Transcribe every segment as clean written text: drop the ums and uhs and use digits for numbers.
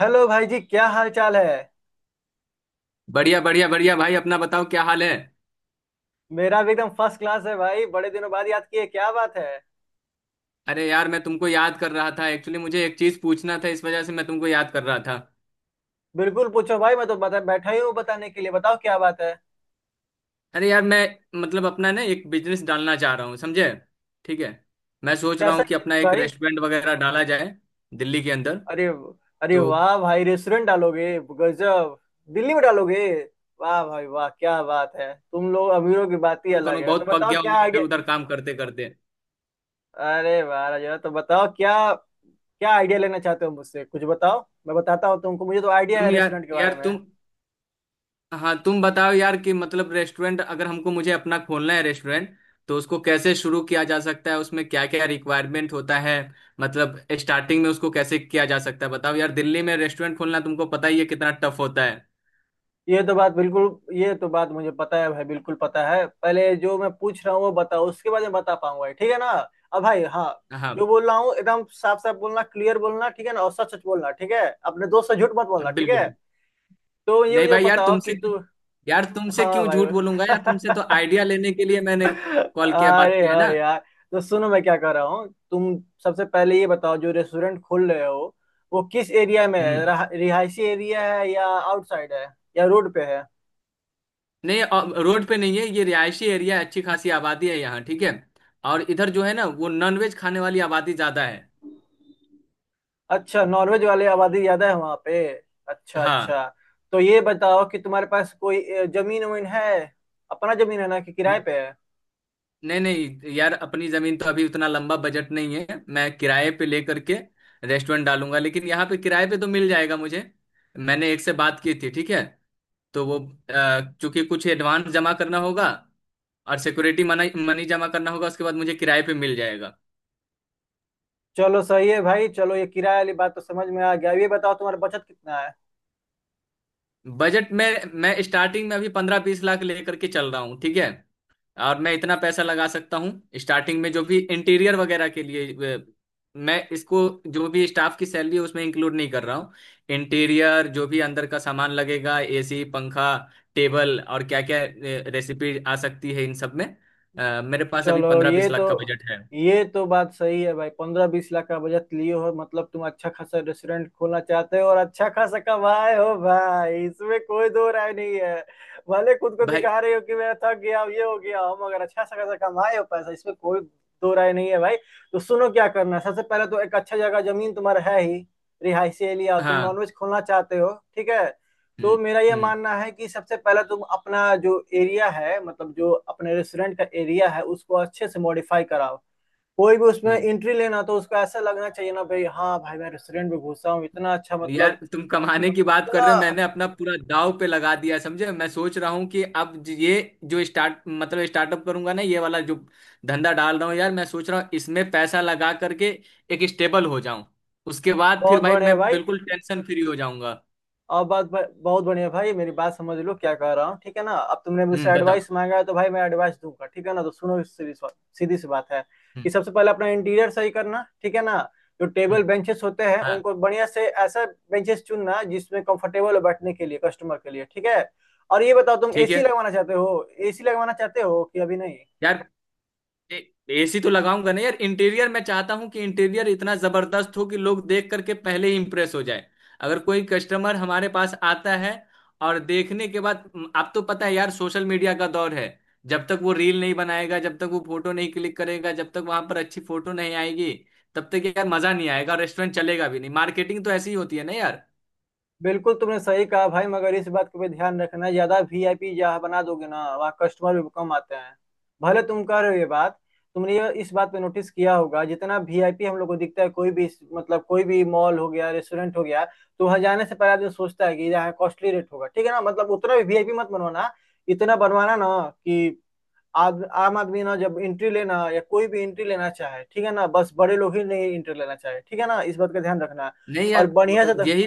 Hello भाई जी, क्या हाल चाल है। बढ़िया बढ़िया बढ़िया भाई। अपना बताओ क्या हाल है। मेरा भी एकदम फर्स्ट क्लास है भाई। बड़े दिनों बाद याद किए, क्या बात है। अरे यार, मैं तुमको याद कर रहा था। एक्चुअली मुझे एक चीज पूछना था, इस वजह से मैं तुमको याद कर रहा था। बिल्कुल पूछो भाई, मैं तो बता बैठा ही हूँ बताने के लिए। बताओ क्या बात है। अरे यार मैं मतलब अपना ना एक बिजनेस डालना चाह रहा हूँ, समझे। ठीक है। मैं सोच रहा कैसा हूँ कि बिजनेस अपना एक भाई? रेस्टोरेंट वगैरह डाला जाए दिल्ली के अंदर। अरे। अरे तो वाह भाई, रेस्टोरेंट डालोगे? गजब। दिल्ली में डालोगे? वाह भाई वाह, क्या बात है। तुम लोग अमीरों की बात ही शुरू अलग करूँ, है। तो बहुत पक बताओ गया हूँ क्या मैं इधर आइडिया। उधर काम करते करते। अरे वाह राजा। तो बताओ क्या क्या आइडिया लेना चाहते हो मुझसे, कुछ बताओ। मैं बताता हूँ तुमको, मुझे तो आइडिया है तुम यार रेस्टोरेंट के बारे यार में। तुम हाँ तुम बताओ यार कि मतलब रेस्टोरेंट अगर हमको मुझे अपना खोलना है रेस्टोरेंट। तो उसको कैसे शुरू किया जा सकता है? उसमें क्या क्या रिक्वायरमेंट होता है? मतलब स्टार्टिंग में उसको कैसे किया जा सकता है? बताओ यार, दिल्ली में रेस्टोरेंट खोलना तुमको पता ही है कितना टफ होता है। ये तो बात मुझे पता है भाई, बिल्कुल पता है। पहले जो मैं पूछ रहा हूँ वो बताओ, उसके बाद मैं बता पाऊंगा, ठीक है ना। अब भाई, हाँ, हाँ। जो बोल रहा हूँ एकदम साफ साफ बोलना, क्लियर बोलना, ठीक है ना। और सच सच बोलना, ठीक है। अपने दोस्त से झूठ मत बोलना, ठीक है। बिल्कुल। तो ये नहीं मुझे भाई, बताओ कि तू। यार तुमसे हाँ क्यों भाई झूठ बोलूंगा? यार तुमसे तो आइडिया लेने के लिए मैंने कॉल किया, बात अरे किया है हाँ ना। यार। तो सुनो मैं क्या कह रहा हूँ। तुम सबसे पहले ये बताओ, जो रेस्टोरेंट खोल रहे हो वो किस एरिया में है, हम्म। रिहायशी एरिया है या आउटसाइड है या रोड पे है। नहीं रोड पे नहीं है। ये रिहायशी एरिया है, अच्छी खासी आबादी है यहाँ, ठीक है। और इधर जो है ना, वो नॉनवेज खाने वाली आबादी ज्यादा है। अच्छा, नॉर्वेज वाले आबादी ज्यादा है वहां पे, अच्छा हाँ। अच्छा। तो ये बताओ कि तुम्हारे पास कोई जमीन वमीन है? अपना जमीन है ना कि किराए न- पे है? नहीं नहीं यार, अपनी जमीन तो अभी, उतना लंबा बजट नहीं है। मैं किराए पे लेकर के रेस्टोरेंट डालूंगा, लेकिन यहाँ पे किराए पे तो मिल जाएगा मुझे। मैंने एक से बात की थी, ठीक है। तो वो चूंकि कुछ एडवांस जमा करना होगा और सिक्योरिटी मनी मनी जमा करना होगा, उसके बाद मुझे किराए पे मिल जाएगा। चलो सही है भाई। चलो ये किराए वाली बात तो समझ में आ गया। अब ये बताओ तुम्हारा बचत कितना है। बजट में, मैं स्टार्टिंग में अभी 15-20 लाख लेकर के चल रहा हूँ, ठीक है। और मैं इतना पैसा लगा सकता हूँ स्टार्टिंग में, जो भी इंटीरियर वगैरह के लिए। मैं इसको जो भी स्टाफ की सैलरी है उसमें इंक्लूड नहीं कर रहा हूँ। इंटीरियर, जो भी अंदर का सामान लगेगा, एसी, पंखा, टेबल, और क्या क्या रेसिपी आ सकती है इन सब में, मेरे पास अभी चलो पंद्रह बीस लाख का बजट है। ये तो बात सही है भाई, 15-20 लाख का बजट लिए हो मतलब तुम अच्छा खासा रेस्टोरेंट खोलना चाहते हो, और अच्छा खासा कमाए हो भाई, इसमें कोई दो राय नहीं है। भले खुद को भाई। दिखा रहे हो कि मैं थक गया हूं, ये हो गया हूं, मगर अच्छा सा खासा कमाए हो पैसा, इसमें कोई दो राय नहीं है भाई। तो सुनो क्या करना है। सबसे पहले तो एक अच्छा जगह जमीन तुम्हारा है ही। रिहायशी एरिया, तुम हाँ। नॉनवेज खोलना चाहते हो, ठीक है। तो हम्म। मेरा ये हम्म। मानना है कि सबसे पहले तुम अपना जो एरिया है, मतलब जो अपने रेस्टोरेंट का एरिया है, उसको अच्छे से मॉडिफाई कराओ। कोई भी उसमें हम्म। एंट्री लेना तो उसको ऐसा लगना चाहिए ना भाई, हाँ भाई मैं रेस्टोरेंट में घुसा हूँ, इतना अच्छा यार मतलब। तुम कमाने की बात कर इतना रहे हो, मैंने अपना पूरा दाव पे लगा दिया, समझे। मैं सोच रहा हूँ कि अब ये जो स्टार्ट मतलब स्टार्टअप करूंगा ना, ये वाला जो धंधा डाल रहा हूँ, यार मैं सोच रहा हूँ इसमें पैसा लगा करके एक स्टेबल हो जाऊं, उसके बाद फिर बहुत भाई बड़े मैं है भाई। बिल्कुल टेंशन फ्री हो जाऊंगा। और बात बहुत बढ़िया भाई, मेरी बात समझ लो क्या कह रहा हूँ, ठीक है ना। अब तुमने मुझसे हम्म, बताओ। एडवाइस मांगा है तो भाई मैं एडवाइस दूंगा, ठीक है ना। तो सुनो, इस सीधी सी बात है कि हम्म। सबसे पहले अपना इंटीरियर सही करना, ठीक है ना। जो टेबल हम्म। बेंचेस होते हैं हाँ। उनको बढ़िया से ऐसा बेंचेस चुनना जिसमें कंफर्टेबल हो बैठने के लिए कस्टमर के लिए, ठीक है। और ये बताओ तुम ठीक एसी है। लगवाना चाहते हो? एसी लगवाना चाहते हो कि अभी नहीं? यार, एसी तो लगाऊंगा नहीं यार। इंटीरियर मैं चाहता हूँ कि इंटीरियर इतना जबरदस्त हो कि लोग देख करके पहले ही इंप्रेस हो जाए अगर कोई कस्टमर हमारे पास आता है और देखने के बाद, आप तो पता है यार, सोशल मीडिया का दौर है। जब तक वो रील नहीं बनाएगा, जब तक वो फोटो नहीं क्लिक करेगा, जब तक वहां पर अच्छी फोटो नहीं आएगी, तब तक यार मजा नहीं आएगा, रेस्टोरेंट चलेगा भी नहीं। मार्केटिंग तो ऐसी ही होती है ना यार। बिल्कुल तुमने सही कहा भाई, मगर इस बात का भी ध्यान रखना, ज्यादा वीआईपी जहाँ बना दोगे ना वहाँ कस्टमर भी कम आते हैं। भले तुम कह रहे हो ये बात, तुमने ये इस बात पे नोटिस किया होगा, जितना वीआईपी हम लोग को दिखता है, कोई भी मतलब कोई भी मॉल हो गया रेस्टोरेंट हो गया, तो वहाँ जाने से पहले आदमी सोचता है कि यहाँ कॉस्टली रेट होगा, ठीक है ना। मतलब उतना भी वीआईपी मत बनवाना, इतना बनवाना ना कि आम आदमी ना जब एंट्री लेना या कोई भी एंट्री लेना चाहे, ठीक है ना, बस बड़े लोग ही नहीं एंट्री लेना चाहे, ठीक है ना। इस बात का ध्यान रखना। नहीं और यार, बढ़िया से तो, यही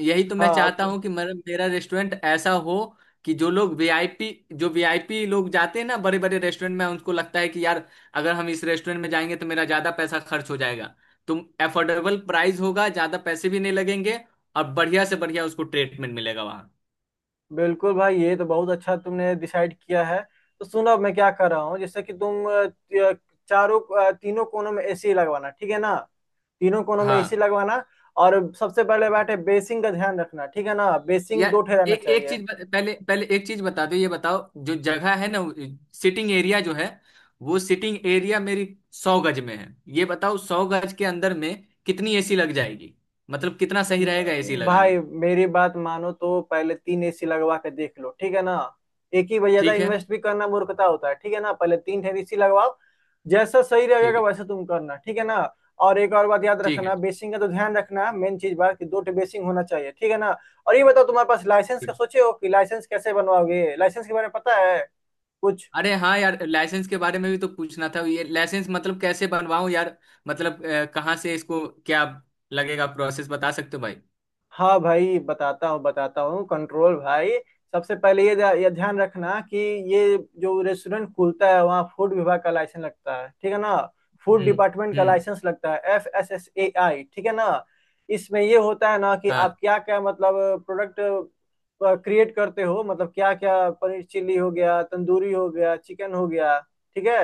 यही तो मैं हाँ चाहता हूँ कि मेरा मेरा रेस्टोरेंट ऐसा हो कि जो वीआईपी लोग जाते हैं ना बड़े बड़े रेस्टोरेंट में, उनको लगता है कि यार, अगर हम इस रेस्टोरेंट में जाएंगे तो मेरा ज्यादा पैसा खर्च हो जाएगा, तो अफोर्डेबल प्राइस होगा, ज्यादा पैसे भी नहीं लगेंगे और बढ़िया से बढ़िया उसको ट्रीटमेंट मिलेगा वहाँ। बिल्कुल भाई, ये तो बहुत अच्छा तुमने डिसाइड किया है। तो सुनो अब मैं क्या कर रहा हूँ, जैसे कि तुम चारों तीनों कोनों में एसी लगवाना, ठीक है ना। तीनों कोनों में हाँ। एसी लगवाना। और सबसे पहले बात है बेसिंग का ध्यान रखना, ठीक है ना। बेसिंग यार, दो ठे रहना चाहिए। पहले पहले एक चीज बता दो। ये बताओ जो जगह है ना, सिटिंग एरिया जो है, वो सिटिंग एरिया मेरी 100 गज में है। ये बताओ, 100 गज के अंदर में कितनी एसी लग जाएगी, मतलब कितना सही रहेगा एसी लगाना? भाई मेरी बात मानो तो पहले तीन एसी लगवा के देख लो, ठीक है ना। एक ही भाई, ज्यादा ठीक है। इन्वेस्ट भी करना मूर्खता होता है, ठीक है ना। पहले तीन ठे एसी लगवाओ, जैसा सही ठीक रहेगा है। वैसा तुम करना, ठीक है ना। और एक और बात याद ठीक है। रखना, बेसिंग का तो ध्यान रखना, मेन चीज बात कि दो ठे बेसिंग होना चाहिए, ठीक है ना। और ये बताओ तुम्हारे पास लाइसेंस का ठीक। सोचे हो कि लाइसेंस कैसे बनवाओगे? लाइसेंस के बारे में पता है कुछ? अरे हाँ यार, लाइसेंस के बारे में भी तो पूछना था। ये लाइसेंस मतलब कैसे बनवाऊं यार? मतलब कहाँ से इसको क्या लगेगा? प्रोसेस बता सकते हो भाई? हाँ भाई, बताता हूँ बताता हूँ, कंट्रोल भाई। सबसे पहले ये ये ध्यान रखना कि ये जो रेस्टोरेंट खुलता है वहाँ फूड विभाग का लाइसेंस लगता है, ठीक है ना। फूड हम्म। डिपार्टमेंट का हम्म। लाइसेंस लगता है, FSSAI, ठीक है ना। इसमें ये होता है ना कि हाँ। आप क्या क्या, मतलब प्रोडक्ट क्रिएट करते हो, मतलब क्या क्या, पनीर चिल्ली हो गया, तंदूरी हो गया, चिकन हो गया, ठीक है।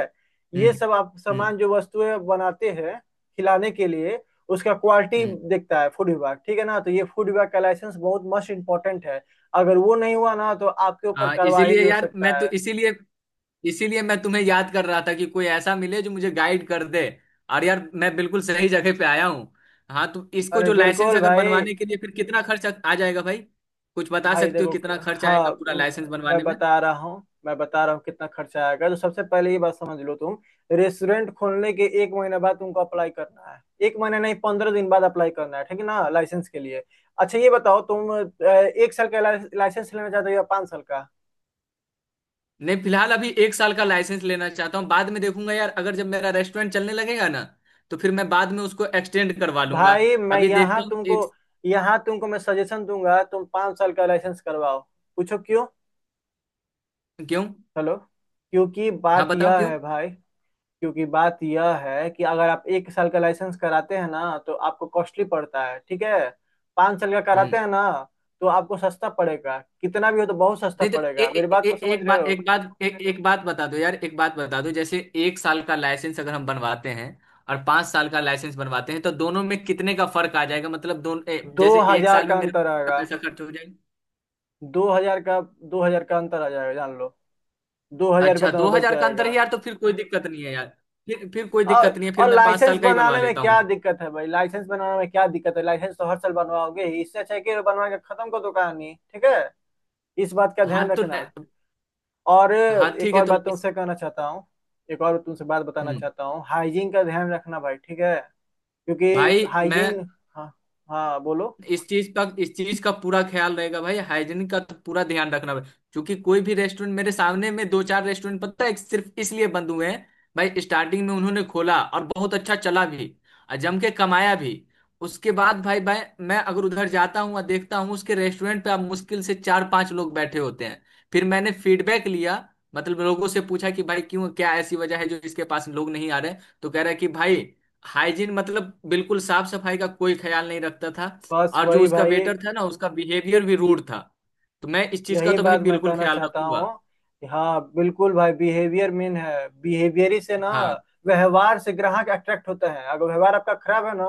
ये हम्म। सब आप हम्म। सामान जो वस्तुएं बनाते हैं खिलाने के लिए, उसका क्वालिटी हम्म। देखता है फूड विभाग, ठीक है ना। तो ये फूड विभाग का लाइसेंस बहुत मस्ट इम्पोर्टेंट है। अगर वो नहीं हुआ ना तो आपके ऊपर हाँ, कार्रवाई इसीलिए भी हो यार सकता मैं तो है। इसीलिए इसीलिए मैं तुम्हें याद कर रहा था कि कोई ऐसा मिले जो मुझे गाइड कर दे। और यार, मैं बिल्कुल सही जगह पे आया हूँ। हाँ, तो इसको अरे जो लाइसेंस बिल्कुल अगर भाई। बनवाने के लिए, फिर कितना खर्च आ जाएगा भाई? कुछ बता भाई सकते हो देखो, कितना खर्च आएगा हाँ पूरा म- लाइसेंस मैं बनवाने में? बता रहा हूँ मैं बता रहा हूँ कितना खर्चा आएगा। तो सबसे पहले ये बात समझ लो तुम। रेस्टोरेंट खोलने के एक महीने बाद तुमको अप्लाई करना है। एक महीने नहीं, 15 दिन बाद अप्लाई करना है, ठीक है ना, लाइसेंस के लिए। अच्छा ये बताओ तुम एक साल का लाइसेंस लेना चाहते हो या 5 साल का? नहीं, फिलहाल अभी एक साल का लाइसेंस लेना चाहता हूँ। बाद में देखूंगा यार, अगर जब मेरा रेस्टोरेंट चलने लगेगा ना, तो फिर मैं बाद में उसको एक्सटेंड करवा लूंगा। भाई मैं अभी देखता हूँ एक। यहाँ तुमको मैं सजेशन दूंगा, तुम 5 साल का लाइसेंस करवाओ। पूछो क्यों। क्यों? हेलो। क्योंकि हाँ बात बताओ यह क्यों। है भाई, क्योंकि बात यह है कि अगर आप 1 साल का लाइसेंस कराते हैं ना तो आपको कॉस्टली पड़ता है, ठीक है। 5 साल का कराते हम्म। हैं ना तो आपको सस्ता पड़ेगा, कितना भी हो तो बहुत सस्ता नहीं तो ए, पड़ेगा, मेरी ए, बात ए, को समझ एक रहे बात हो। एक बात एक, एक बात बता दो यार, एक बात बता दो जैसे एक साल का लाइसेंस अगर हम बनवाते हैं और 5 साल का लाइसेंस बनवाते हैं, तो दोनों में कितने का फर्क आ जाएगा? मतलब दोनों, दो जैसे एक हजार साल में का मेरा अंतर कितना आएगा। पैसा खर्च हो जाएगा? 2,000 का। 2,000 का अंतर आ जाएगा जान लो, 2,000 रुपये अच्छा, दो तुम्हें बच हजार का अंतर जाएगा। है यार, तो फिर कोई दिक्कत नहीं है यार। फिर कोई और दिक्कत नहीं है, फिर और मैं पांच लाइसेंस साल का ही बनवा बनाने में लेता हूँ। क्या दिक्कत है भाई? लाइसेंस बनाने में क्या दिक्कत है लाइसेंस तो हर साल बनवाओगे ही, इससे अच्छा है कि बनवा के खत्म कर दो कहानी, ठीक है। इस बात का हाँ। ध्यान तो रखना। और हाँ, एक ठीक है। और तो बात तुमसे कहना चाहता हूँ, एक और तुमसे बात बताना हम्म चाहता हूँ हाइजीन का ध्यान रखना भाई, ठीक है। क्योंकि भाई, मैं हाइजीन, हाँ, हाँ बोलो। इस चीज का पूरा ख्याल रहेगा भाई। हाइजीन का तो पूरा ध्यान रखना भाई। क्योंकि कोई भी रेस्टोरेंट मेरे सामने में, दो चार रेस्टोरेंट पता है सिर्फ इसलिए बंद हुए हैं भाई। स्टार्टिंग में उन्होंने खोला और बहुत अच्छा चला भी, और जम के कमाया भी। उसके बाद भाई भाई, मैं अगर उधर जाता हूँ और देखता हूँ उसके रेस्टोरेंट पे, अब मुश्किल से चार पांच लोग बैठे होते हैं। फिर मैंने फीडबैक लिया, मतलब लोगों से पूछा कि भाई क्यों, क्या ऐसी वजह है जो इसके पास लोग नहीं आ रहे। तो कह रहा है कि भाई, हाइजीन, मतलब बिल्कुल साफ सफाई का कोई ख्याल नहीं रखता था। बस और जो वही उसका भाई। वेटर था ना, उसका बिहेवियर भी रूड था। तो मैं इस चीज का यही तो भाई बात मैं बिल्कुल कहना ख्याल चाहता हूँ रखूंगा। कि हाँ, बिल्कुल भाई, बिहेवियर मेन है। बिहेवियर ही से ना, हाँ। व्यवहार से ग्राहक अट्रैक्ट होता है, अगर व्यवहार आपका खराब है ना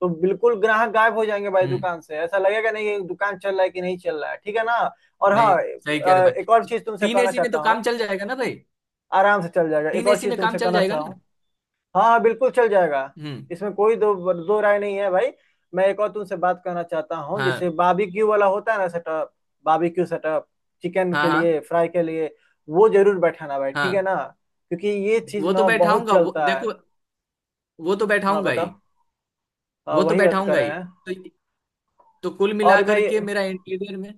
तो बिल्कुल ग्राहक गायब हो जाएंगे भाई, हम्म। दुकान से ऐसा लगेगा नहीं कि दुकान चल रहा है कि नहीं चल रहा है, ठीक है ना। और हाँ, नहीं सही कह रहे हो एक और भाई। चीज तुमसे तीन कहना एसी में चाहता तो हूँ। काम चल जाएगा ना भाई? आराम से चल जाएगा, एक तीन और एसी चीज में काम तुमसे चल कहना जाएगा ना? चाहूँ। हाँ बिल्कुल चल जाएगा। हम्म। इसमें कोई दो दो राय नहीं है भाई। मैं एक और तुमसे बात करना चाहता हूँ, हाँ। जैसे बाबीक्यू वाला होता है ना सेटअप, बाबीक्यू सेटअप, चिकन हाँ। के हाँ। लिए फ्राई के लिए, वो जरूर बैठाना भाई, ठीक हाँ। है ना, क्योंकि ये चीज वो तो ना बहुत बैठाऊंगा, वो चलता है। देखो। वो तो हाँ बैठाऊंगा ही। बताओ। हाँ, वो तो वही बात कर बैठाऊंगा रहे ही। हैं। तो, तो कुल और मिलाकर मैं के मेरा इंटीरियर में।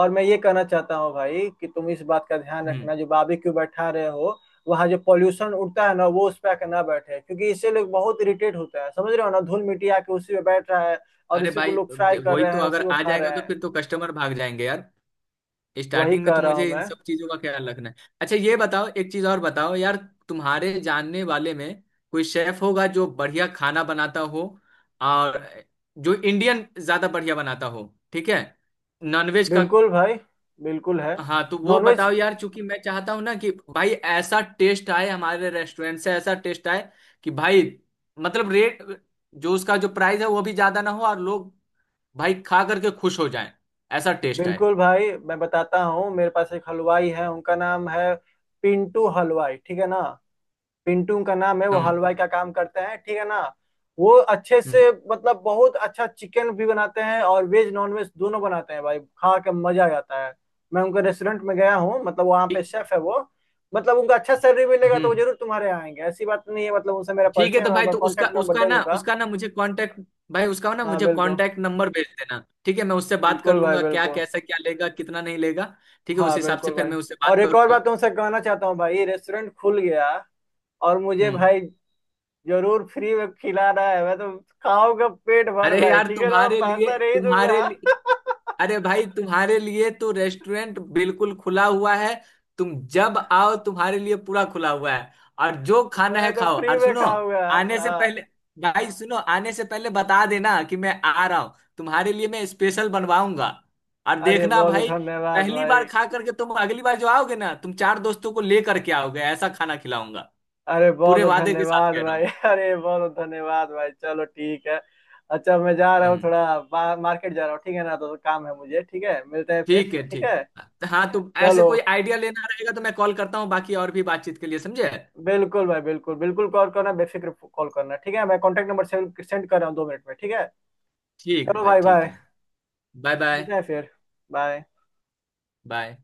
और मैं ये कहना चाहता हूँ भाई, कि तुम इस बात का ध्यान हम्म। रखना, जो बाबी क्यों बैठा रहे हो, वहाँ जो पॉल्यूशन उड़ता है ना वो उस पे आके ना बैठे, क्योंकि इससे लोग बहुत इरिटेट होता है, समझ रहे हो ना, धूल मिट्टी आके उसी पे बैठ रहा है और अरे उसी को भाई, लोग फ्राई कर वही रहे तो हैं, अगर उसी को आ खा रहे जाएगा तो हैं। फिर तो कस्टमर भाग जाएंगे यार। वही स्टार्टिंग में कह तो रहा हूँ मुझे इन मैं। सब चीजों का ख्याल रखना है। अच्छा, ये बताओ, एक चीज और बताओ यार, तुम्हारे जानने वाले में कोई शेफ होगा जो बढ़िया खाना बनाता हो, और जो इंडियन ज्यादा बढ़िया बनाता हो, ठीक है, नॉनवेज का। बिल्कुल भाई, बिल्कुल है। हाँ तो वो नॉनवेज बताओ यार, चूंकि मैं चाहता हूँ ना कि भाई ऐसा टेस्ट आए हमारे रेस्टोरेंट से, ऐसा टेस्ट आए कि भाई, मतलब रेट जो उसका, जो प्राइस है वो भी ज्यादा ना हो, और लोग भाई खा करके खुश हो जाएं, ऐसा टेस्ट आए। बिल्कुल भाई, मैं बताता हूँ, मेरे पास एक हलवाई है, उनका नाम है पिंटू हलवाई, ठीक है ना। पिंटू का नाम है, वो हम्म। हलवाई का काम करते हैं, ठीक है ना। वो अच्छे हम्म। से मतलब बहुत अच्छा चिकन भी बनाते हैं और वेज नॉन वेज दोनों बनाते हैं भाई, खा के मजा आ जाता है। मैं उनके रेस्टोरेंट में गया हूँ, मतलब वहाँ पे ठीक- शेफ है वो। मतलब उनका अच्छा सैलरी मिलेगा तो वो हम्म, जरूर तुम्हारे यहाँ आएंगे, ऐसी बात नहीं है। मतलब उनसे मेरा ठीक है। परिचय है, तो मैं भाई, उनका तो उसका कॉन्टेक्ट नंबर दे दूंगा। उसका ना मुझे कांटेक्ट भाई, उसका ना हाँ मुझे बिल्कुल। कांटेक्ट नंबर भेज देना। ठीक है, मैं उससे बात कर बिल्कुल भाई लूंगा क्या बिल्कुल। कैसा, क्या लेगा, कितना नहीं लेगा। ठीक है, उस हाँ हिसाब से बिल्कुल फिर भाई। मैं उससे बात और एक और बात करूंगा। तुमसे कहना चाहता हूँ भाई, रेस्टोरेंट खुल गया, और मुझे हम्म। भाई जरूर फ्री में खिलाना है, मैं तो खाऊंगा पेट भर अरे भाई, यार, ठीक है ना, तुम्हारे लिए पैसा नहीं तुम्हारे दूंगा लिए अरे भाई, तुम्हारे लिए तो रेस्टोरेंट बिल्कुल खुला हुआ है। तुम जब आओ, तुम्हारे लिए पूरा खुला हुआ है। और जो खाना मैं है तो खाओ। फ्री और में सुनो, खाऊंगा। आने से हाँ, पहले भाई सुनो, आने से पहले बता देना कि मैं आ रहा हूँ, तुम्हारे लिए मैं स्पेशल बनवाऊंगा। और अरे देखना बहुत भाई, धन्यवाद पहली बार भाई। खा करके तुम अगली बार जो आओगे ना, तुम चार दोस्तों को ले करके आओगे, ऐसा खाना खिलाऊंगा। अरे पूरे बहुत वादे के साथ धन्यवाद कह रहा भाई हूँ। अरे बहुत धन्यवाद भाई, चलो ठीक है। अच्छा मैं जा रहा हूँ, हम्म। थोड़ा मार्केट जा रहा हूँ, ठीक है ना, तो काम है मुझे, ठीक है। मिलते हैं फिर। ठीक है। ठीक ठीक। है। हाँ, तो ऐसे चलो, कोई आइडिया लेना रहेगा तो मैं कॉल करता हूँ, बाकी और भी बातचीत के लिए, समझे। बिल्कुल भाई, बिल्कुल बिल्कुल कॉल करना, बेफिक्र कॉल करना, ठीक है। मैं कॉन्टेक्ट नंबर सेंड कर रहा हूँ 2 मिनट में, ठीक है। ठीक है चलो भाई, भाई ठीक बाय। है। बाय। बाय। मिलते हैं फिर। बाय। बाय।